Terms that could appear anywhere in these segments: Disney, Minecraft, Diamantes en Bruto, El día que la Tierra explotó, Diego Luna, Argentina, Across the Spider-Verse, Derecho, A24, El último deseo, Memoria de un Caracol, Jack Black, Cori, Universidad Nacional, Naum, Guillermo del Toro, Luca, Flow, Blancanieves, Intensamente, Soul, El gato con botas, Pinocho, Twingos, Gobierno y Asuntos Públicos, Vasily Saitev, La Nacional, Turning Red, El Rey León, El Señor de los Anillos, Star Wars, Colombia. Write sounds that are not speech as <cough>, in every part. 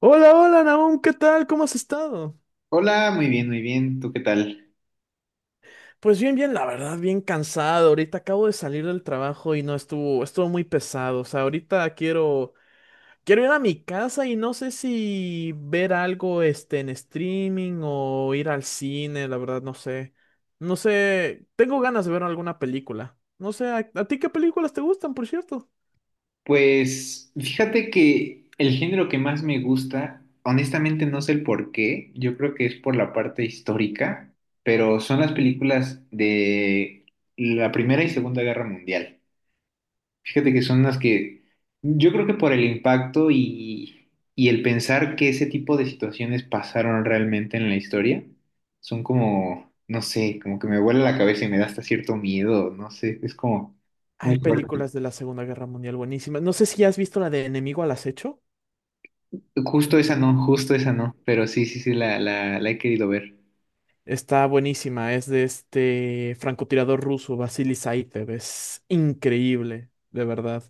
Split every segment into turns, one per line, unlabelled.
Hola, hola, Naum, ¿qué tal? ¿Cómo has estado?
Hola, muy bien, muy bien. ¿Tú qué tal?
Pues bien, bien, la verdad, bien cansado. Ahorita acabo de salir del trabajo y no estuvo, estuvo muy pesado. O sea, ahorita quiero ir a mi casa y no sé si ver algo, en streaming o ir al cine, la verdad, no sé. No sé, tengo ganas de ver alguna película. No sé, ¿ a ti qué películas te gustan, por cierto?
Pues fíjate que el género que más me gusta, honestamente no sé el por qué, yo creo que es por la parte histórica, pero son las películas de la Primera y Segunda Guerra Mundial. Fíjate que son las que yo creo que por el impacto y el pensar que ese tipo de situaciones pasaron realmente en la historia, son como, no sé, como que me vuela la cabeza y me da hasta cierto miedo, no sé, es como
Hay
muy fuerte.
películas de la Segunda Guerra Mundial buenísimas. No sé si has visto la de Enemigo al Acecho.
Justo esa no, pero sí, sí, sí, la he querido ver.
Está buenísima, es de este francotirador ruso, Vasily Saitev, es increíble, de verdad.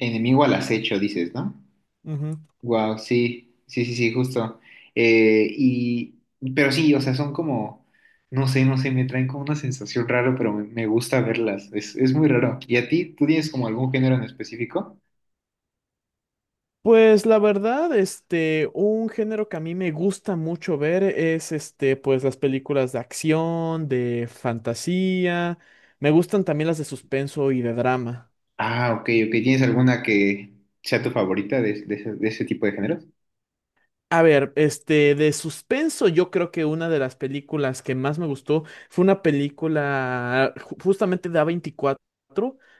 Enemigo al Acecho, dices, ¿no?
Ujú.
Wow, sí, sí, sí, sí, justo. Eh, y, pero sí, o sea, son como, no sé, no sé, me traen como una sensación rara, pero me gusta verlas, es muy raro. ¿Y a ti, tú tienes como algún género en específico?
Pues la verdad, un género que a mí me gusta mucho ver es este, pues las películas de acción, de fantasía, me gustan también las de suspenso y de drama.
Ah, ok, ok, ¿tienes alguna que sea tu favorita de ese tipo de géneros?
A ver, de suspenso, yo creo que una de las películas que más me gustó fue una película justamente de A24,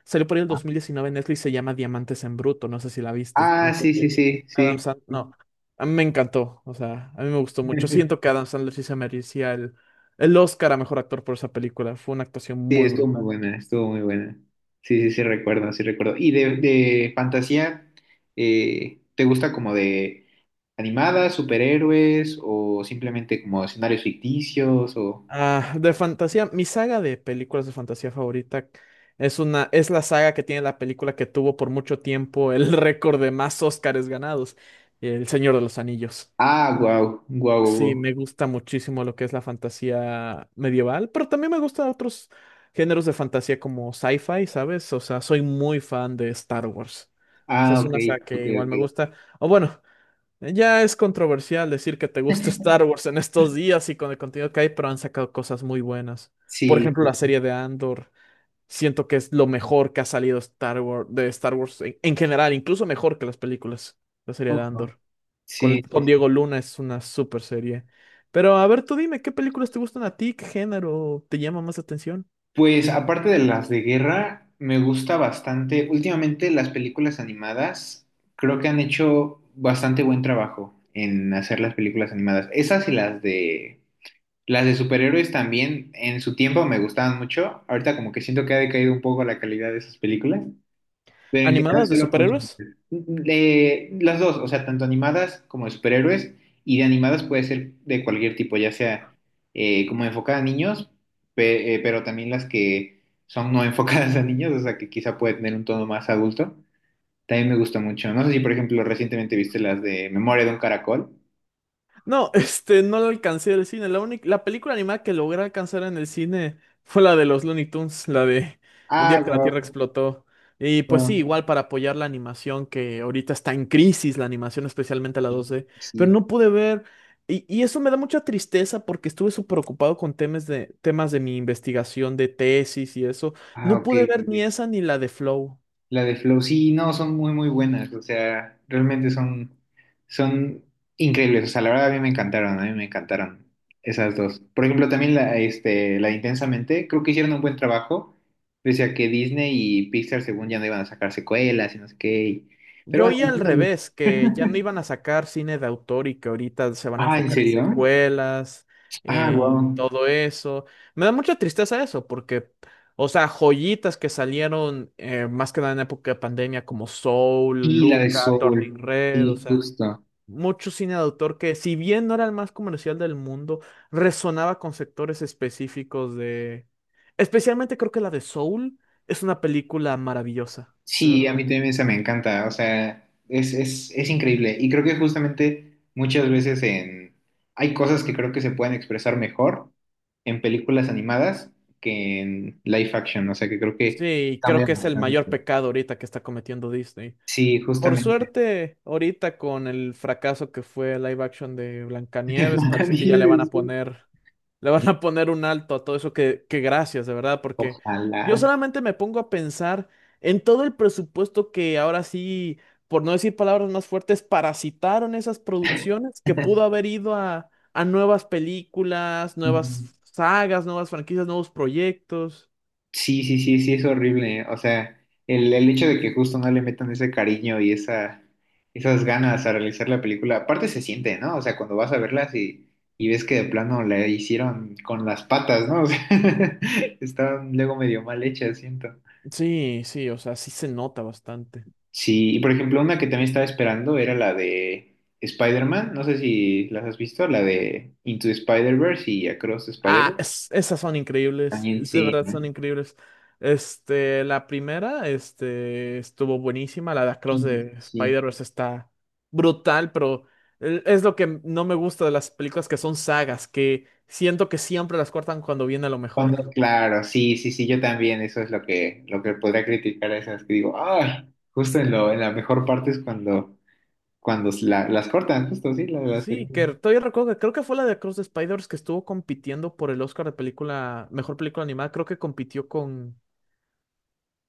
salió por ahí el 2019 en Netflix, se llama Diamantes en Bruto, no sé si la viste,
Ah,
aunque
sí, sí,
tiene
sí,
Adam
sí.
Sandler, no, a mí me encantó, o sea, a mí me gustó mucho,
<laughs>
siento que Adam Sandler sí se merecía el Oscar a mejor actor por esa película, fue una actuación
Sí,
muy
estuvo muy
brutal.
buena, estuvo muy buena. Sí, sí, sí, recuerdo, sí recuerdo. Y de fantasía, ¿te gusta como de animadas, superhéroes o simplemente como escenarios ficticios o...
Ah, de fantasía, mi saga de películas de fantasía favorita es la saga que tiene la película que tuvo por mucho tiempo el <laughs> récord de más Óscares ganados, El Señor de los Anillos.
Ah, wow, wow,
Sí,
wow.
me gusta muchísimo lo que es la fantasía medieval, pero también me gustan otros géneros de fantasía como sci-fi, ¿sabes? O sea, soy muy fan de Star Wars. O sea,
Ah,
es
ok,
una saga
ok,
que igual me
ok.
gusta. O bueno, ya es controversial decir que te gusta <laughs>
<laughs>
Star Wars en estos días y con el contenido que hay, pero han sacado cosas muy buenas. Por
Sí,
ejemplo, la
sí, sí.
serie de Andor. Siento que es lo mejor que ha salido Star Wars, de Star Wars en general, incluso mejor que las películas. La serie de
Oh, wow.
Andor.
Sí,
Con
sí.
Diego Luna es una super serie. Pero a ver, tú dime, ¿qué películas te gustan a ti? ¿Qué género te llama más la atención?
Pues aparte de las de guerra, me gusta bastante. Últimamente las películas animadas creo que han hecho bastante buen trabajo en hacer las películas animadas. Esas y las de superhéroes también en su tiempo me gustaban mucho. Ahorita como que siento que ha decaído un poco la calidad de esas películas, pero en general
¿Animadas de
sí los consumo.
superhéroes?
Las dos, o sea, tanto animadas como de superhéroes. Y de animadas puede ser de cualquier tipo, ya sea como enfocada a niños, pero también las que son no <laughs> enfocadas a niños, o sea, que quizá puede tener un tono más adulto. También me gusta mucho. No sé si, por ejemplo, recientemente viste las de Memoria de un Caracol.
No, <laughs> no lo alcancé del cine. La única, la película animada que logré alcanzar en el cine fue la de los Looney Tunes, la de El
Ah,
día que la Tierra
wow,
explotó. Y pues sí,
wow.
igual para apoyar la animación que ahorita está en crisis, la animación especialmente la
Sí.
2D, pero
Sí.
no pude ver y eso me da mucha tristeza porque estuve súper ocupado con temas de mi investigación de tesis y eso.
Ah,
No
ok,
pude
ok,
ver ni
ok.
esa ni la de Flow.
La de Flow, sí, no, son muy, muy buenas, o sea, realmente son increíbles, o sea, la verdad a mí me encantaron, a mí me encantaron esas dos. Por ejemplo, también la de Intensamente, creo que hicieron un buen trabajo, pese a que Disney y Pixar según ya no iban a sacar secuelas y no sé qué, pero
Yo
bueno.
oí al revés, que ya no iban a sacar cine de autor y que ahorita se
<laughs>
van a
Ah, ¿en
enfocar en
serio?
secuelas,
Ah,
en
wow.
todo eso. Me da mucha tristeza eso, porque, o sea, joyitas que salieron más que nada en época de pandemia, como Soul,
Y la de
Luca, Turning
Soul,
Red, o
sí,
sea,
justo.
mucho cine de autor que, si bien no era el más comercial del mundo, resonaba con sectores específicos de. Especialmente creo que la de Soul es una película maravillosa, de
Sí, a mí
verdad.
también esa me encanta, o sea, es increíble. Y creo que justamente muchas veces en hay cosas que creo que se pueden expresar mejor en películas animadas que en live action, o sea, que creo que
Sí, creo
cambia
que es el mayor
bastante.
pecado ahorita que está cometiendo Disney.
Sí,
Por
justamente.
suerte, ahorita con el fracaso que fue el live action de
<laughs>
Blancanieves, parece que ya le van a
Blancanieves, sí.
poner, le van a poner un alto a todo eso que gracias, de verdad, porque yo
Ojalá.
solamente me pongo a pensar en todo el presupuesto que ahora sí, por no decir palabras más fuertes, parasitaron esas producciones que pudo haber ido a nuevas películas,
Sí.
nuevas sagas, nuevas franquicias, nuevos proyectos.
Sí, sí, sí, sí, es horrible. O sea, el hecho de que justo no le metan ese cariño y esa, esas ganas a realizar la película, aparte se siente, ¿no? O sea, cuando vas a verlas y ves que de plano la hicieron con las patas, ¿no? O sea, <laughs> estaban luego medio mal hechas, siento.
Sí, sí, o sea, sí se nota bastante.
Sí, y por ejemplo, una que también estaba esperando era la de Spider-Man, no sé si las has visto, la de Into Spider-Verse y Across the
Ah,
Spider-Verse.
esas son increíbles,
También
de
sí,
verdad
¿no?
son increíbles. Este, la primera, este, estuvo buenísima, la de Across
Sí,
de
sí. Sí.
Spider-Verse está brutal, pero es lo que no me gusta de las películas que son sagas, que siento que siempre las cortan cuando viene lo mejor.
Cuando, claro, sí, sí, sí, yo también, eso es lo que podría criticar a esas que digo, ah, justo en lo, en la mejor parte es cuando las cortan, justo, sí,
Sí, que
terminan.
todavía recuerdo que creo que fue la de Across the Spider-Verse que estuvo compitiendo por el Oscar de película, mejor película animada, creo que compitió con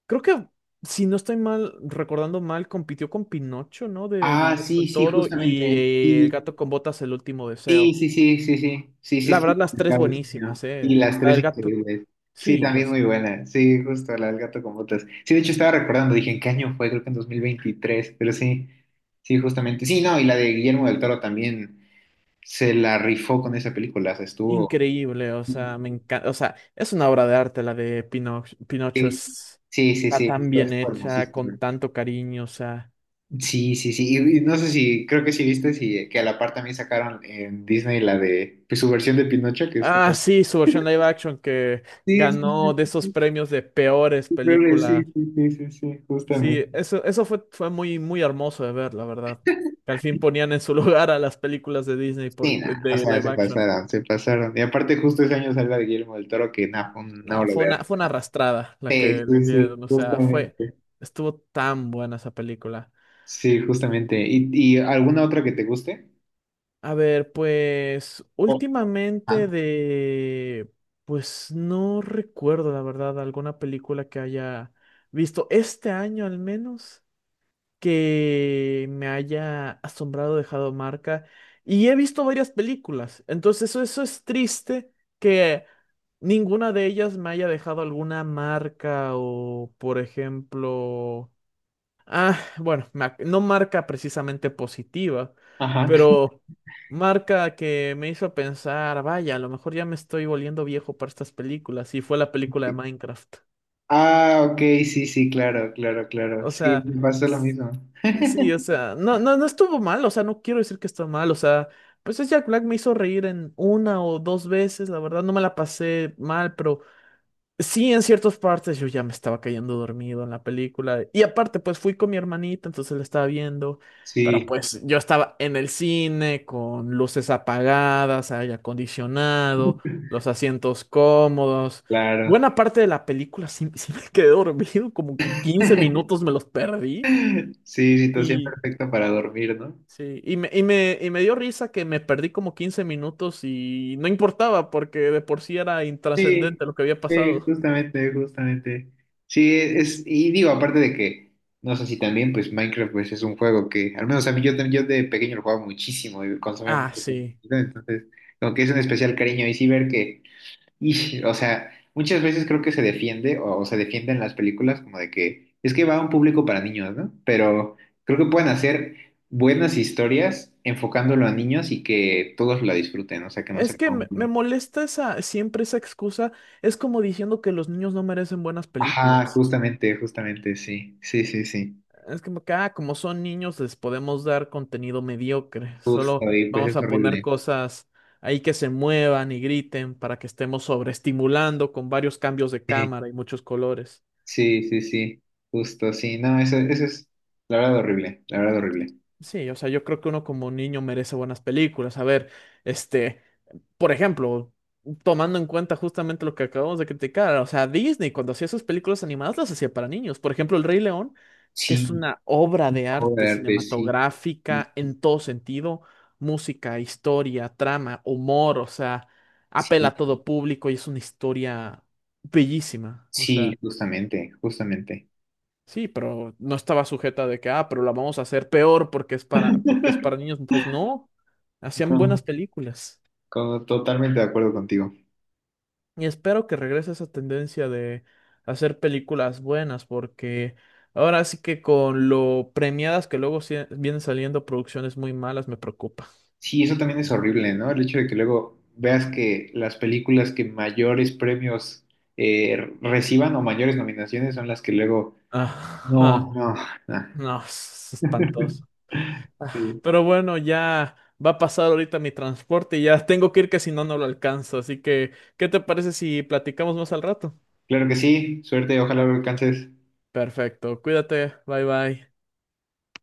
creo que, si no estoy mal, recordando mal, compitió con Pinocho, ¿no? De
Ah,
Guillermo
sí,
del
sí,
Toro y
justamente,
El
sí,
gato con botas, El último
sí,
deseo.
sí, sí, sí, sí, sí, sí,
La
sí,
verdad, las tres
complicado, sí, sí,
buenísimas,
¿no? Y
¿eh?
las
La
tres
del gato,
increíbles, sí,
sí, o
también
sea,
muy buena, sí, justo, la del gato con botas, sí, de hecho estaba recordando, dije, ¿en qué año fue? Creo que en 2023 pero sí, sí, justamente, sí, no, y la de Guillermo del Toro también se la rifó con esa película, o sea, estuvo...
increíble, o sea,
Sí,
me encanta, o sea, es una obra de arte la de Pinocho, Pinocho es,
sí,
está
sí.
tan
Esto
bien
es
hecha, con
hermosísimo.
tanto cariño, o sea.
Sí, sí, sí. Y no sé si, creo que sí viste si, que a la par también sacaron en Disney la de pues, su versión de Pinocho, que es
Ah,
todo.
sí, su versión live action que
Sí, sí,
ganó
sí,
de
sí,
esos
sí,
premios de peores
sí, creo que sí,
películas.
sí, sí, sí, sí,
Sí,
justamente.
eso fue, fue muy, muy hermoso de ver, la verdad. Que al fin ponían en su <laughs> lugar a las películas de Disney
Sí,
por,
nada, o
de
sea,
live
se
action.
pasaron, se pasaron. Y aparte justo ese año salió de Guillermo del Toro, que nada, fue una
No,
obra de
fue una
arte.
arrastrada la
Sí,
que
sí,
les
sí,
dieron. O sea, fue,
justamente.
estuvo tan buena esa película.
Sí, justamente. Y alguna otra que te guste?
A ver, pues
Oh,
últimamente
ah,
de, pues no recuerdo, la verdad, alguna película que haya visto este año al menos, que me haya asombrado, dejado marca. Y he visto varias películas, entonces eso es triste que ninguna de ellas me haya dejado alguna marca o, por ejemplo, ah, bueno, no marca precisamente positiva,
ajá.
pero marca que me hizo pensar, vaya, a lo mejor ya me estoy volviendo viejo para estas películas y fue la película de Minecraft.
Ah, ok, sí, sí, claro, claro, claro.
O
Sí,
sea.
me pasa lo mismo.
Sí, o sea, no estuvo mal, o sea, no quiero decir que está mal, o sea, pues es Jack Black me hizo reír en una o dos veces, la verdad no me la pasé mal, pero sí en ciertas partes yo ya me estaba cayendo dormido en la película. Y aparte, pues fui con mi hermanita, entonces la estaba viendo, pero
Sí,
pues yo estaba en el cine con luces apagadas, aire acondicionado, los asientos cómodos.
claro.
Buena parte de la película sí me quedé dormido, como 15
<laughs>
minutos me los perdí
Sí, situación
y.
perfecta para dormir, ¿no?
Sí, y me dio risa que me perdí como 15 minutos y no importaba porque de por sí era
Sí,
intrascendente lo que había
sí,
pasado.
justamente, justamente. Sí, es, y digo, aparte de que, no sé si también, pues Minecraft pues, es un juego que, al menos a mí yo, yo de pequeño lo jugaba muchísimo y consumía
Ah,
mucho tiempo,
sí.
¿no? Entonces, como que es un especial cariño. Y sí ver que. Y, o sea, muchas veces creo que se defiende o se defiende en las películas como de que es que va a un público para niños, ¿no? Pero creo que pueden hacer buenas historias enfocándolo a niños y que todos la disfruten, o sea, que no
Es
se
que
como
me molesta siempre esa excusa. Es como diciendo que los niños no merecen buenas
Ajá,
películas.
justamente, justamente, sí, sí, sí, sí,
Es como que, ah, como son niños, les podemos dar contenido mediocre. Solo
justo, y pues
vamos
es
a poner
horrible.
cosas ahí que se muevan y griten para que estemos sobreestimulando con varios cambios de
Sí,
cámara y muchos colores.
sí, sí, sí, justo, sí, no, eso es la verdad horrible, la verdad horrible.
Sí, o sea, yo creo que uno como niño merece buenas películas. A ver, este, por ejemplo, tomando en cuenta justamente lo que acabamos de criticar, o sea, Disney cuando hacía sus películas animadas las hacía para niños. Por ejemplo, El Rey León, que es
Sí,
una obra de
obra
arte
de arte, sí, sí,
cinematográfica en todo sentido, música, historia, trama, humor, o sea, apela
sí,
a todo público y es una historia bellísima. O
sí,
sea.
justamente, justamente.
Sí, pero no estaba sujeta de que, ah, pero la vamos a hacer peor porque es
<laughs>
para niños. Pues no, hacían
No,
buenas películas.
totalmente de acuerdo contigo.
Y espero que regrese esa tendencia de hacer películas buenas, porque ahora sí que con lo premiadas que luego vienen saliendo producciones muy malas me preocupa.
Sí, eso también es horrible, ¿no? El hecho de que luego veas que las películas que mayores premios reciban o mayores nominaciones son las que luego...
Ajá,
No, no, no.
no, es
<laughs>
espantoso.
Sí.
Pero bueno, ya va a pasar ahorita mi transporte y ya tengo que ir que si no, no lo alcanzo. Así que, ¿qué te parece si platicamos más al rato?
Claro que sí, suerte, ojalá lo alcances.
Perfecto, cuídate, bye bye.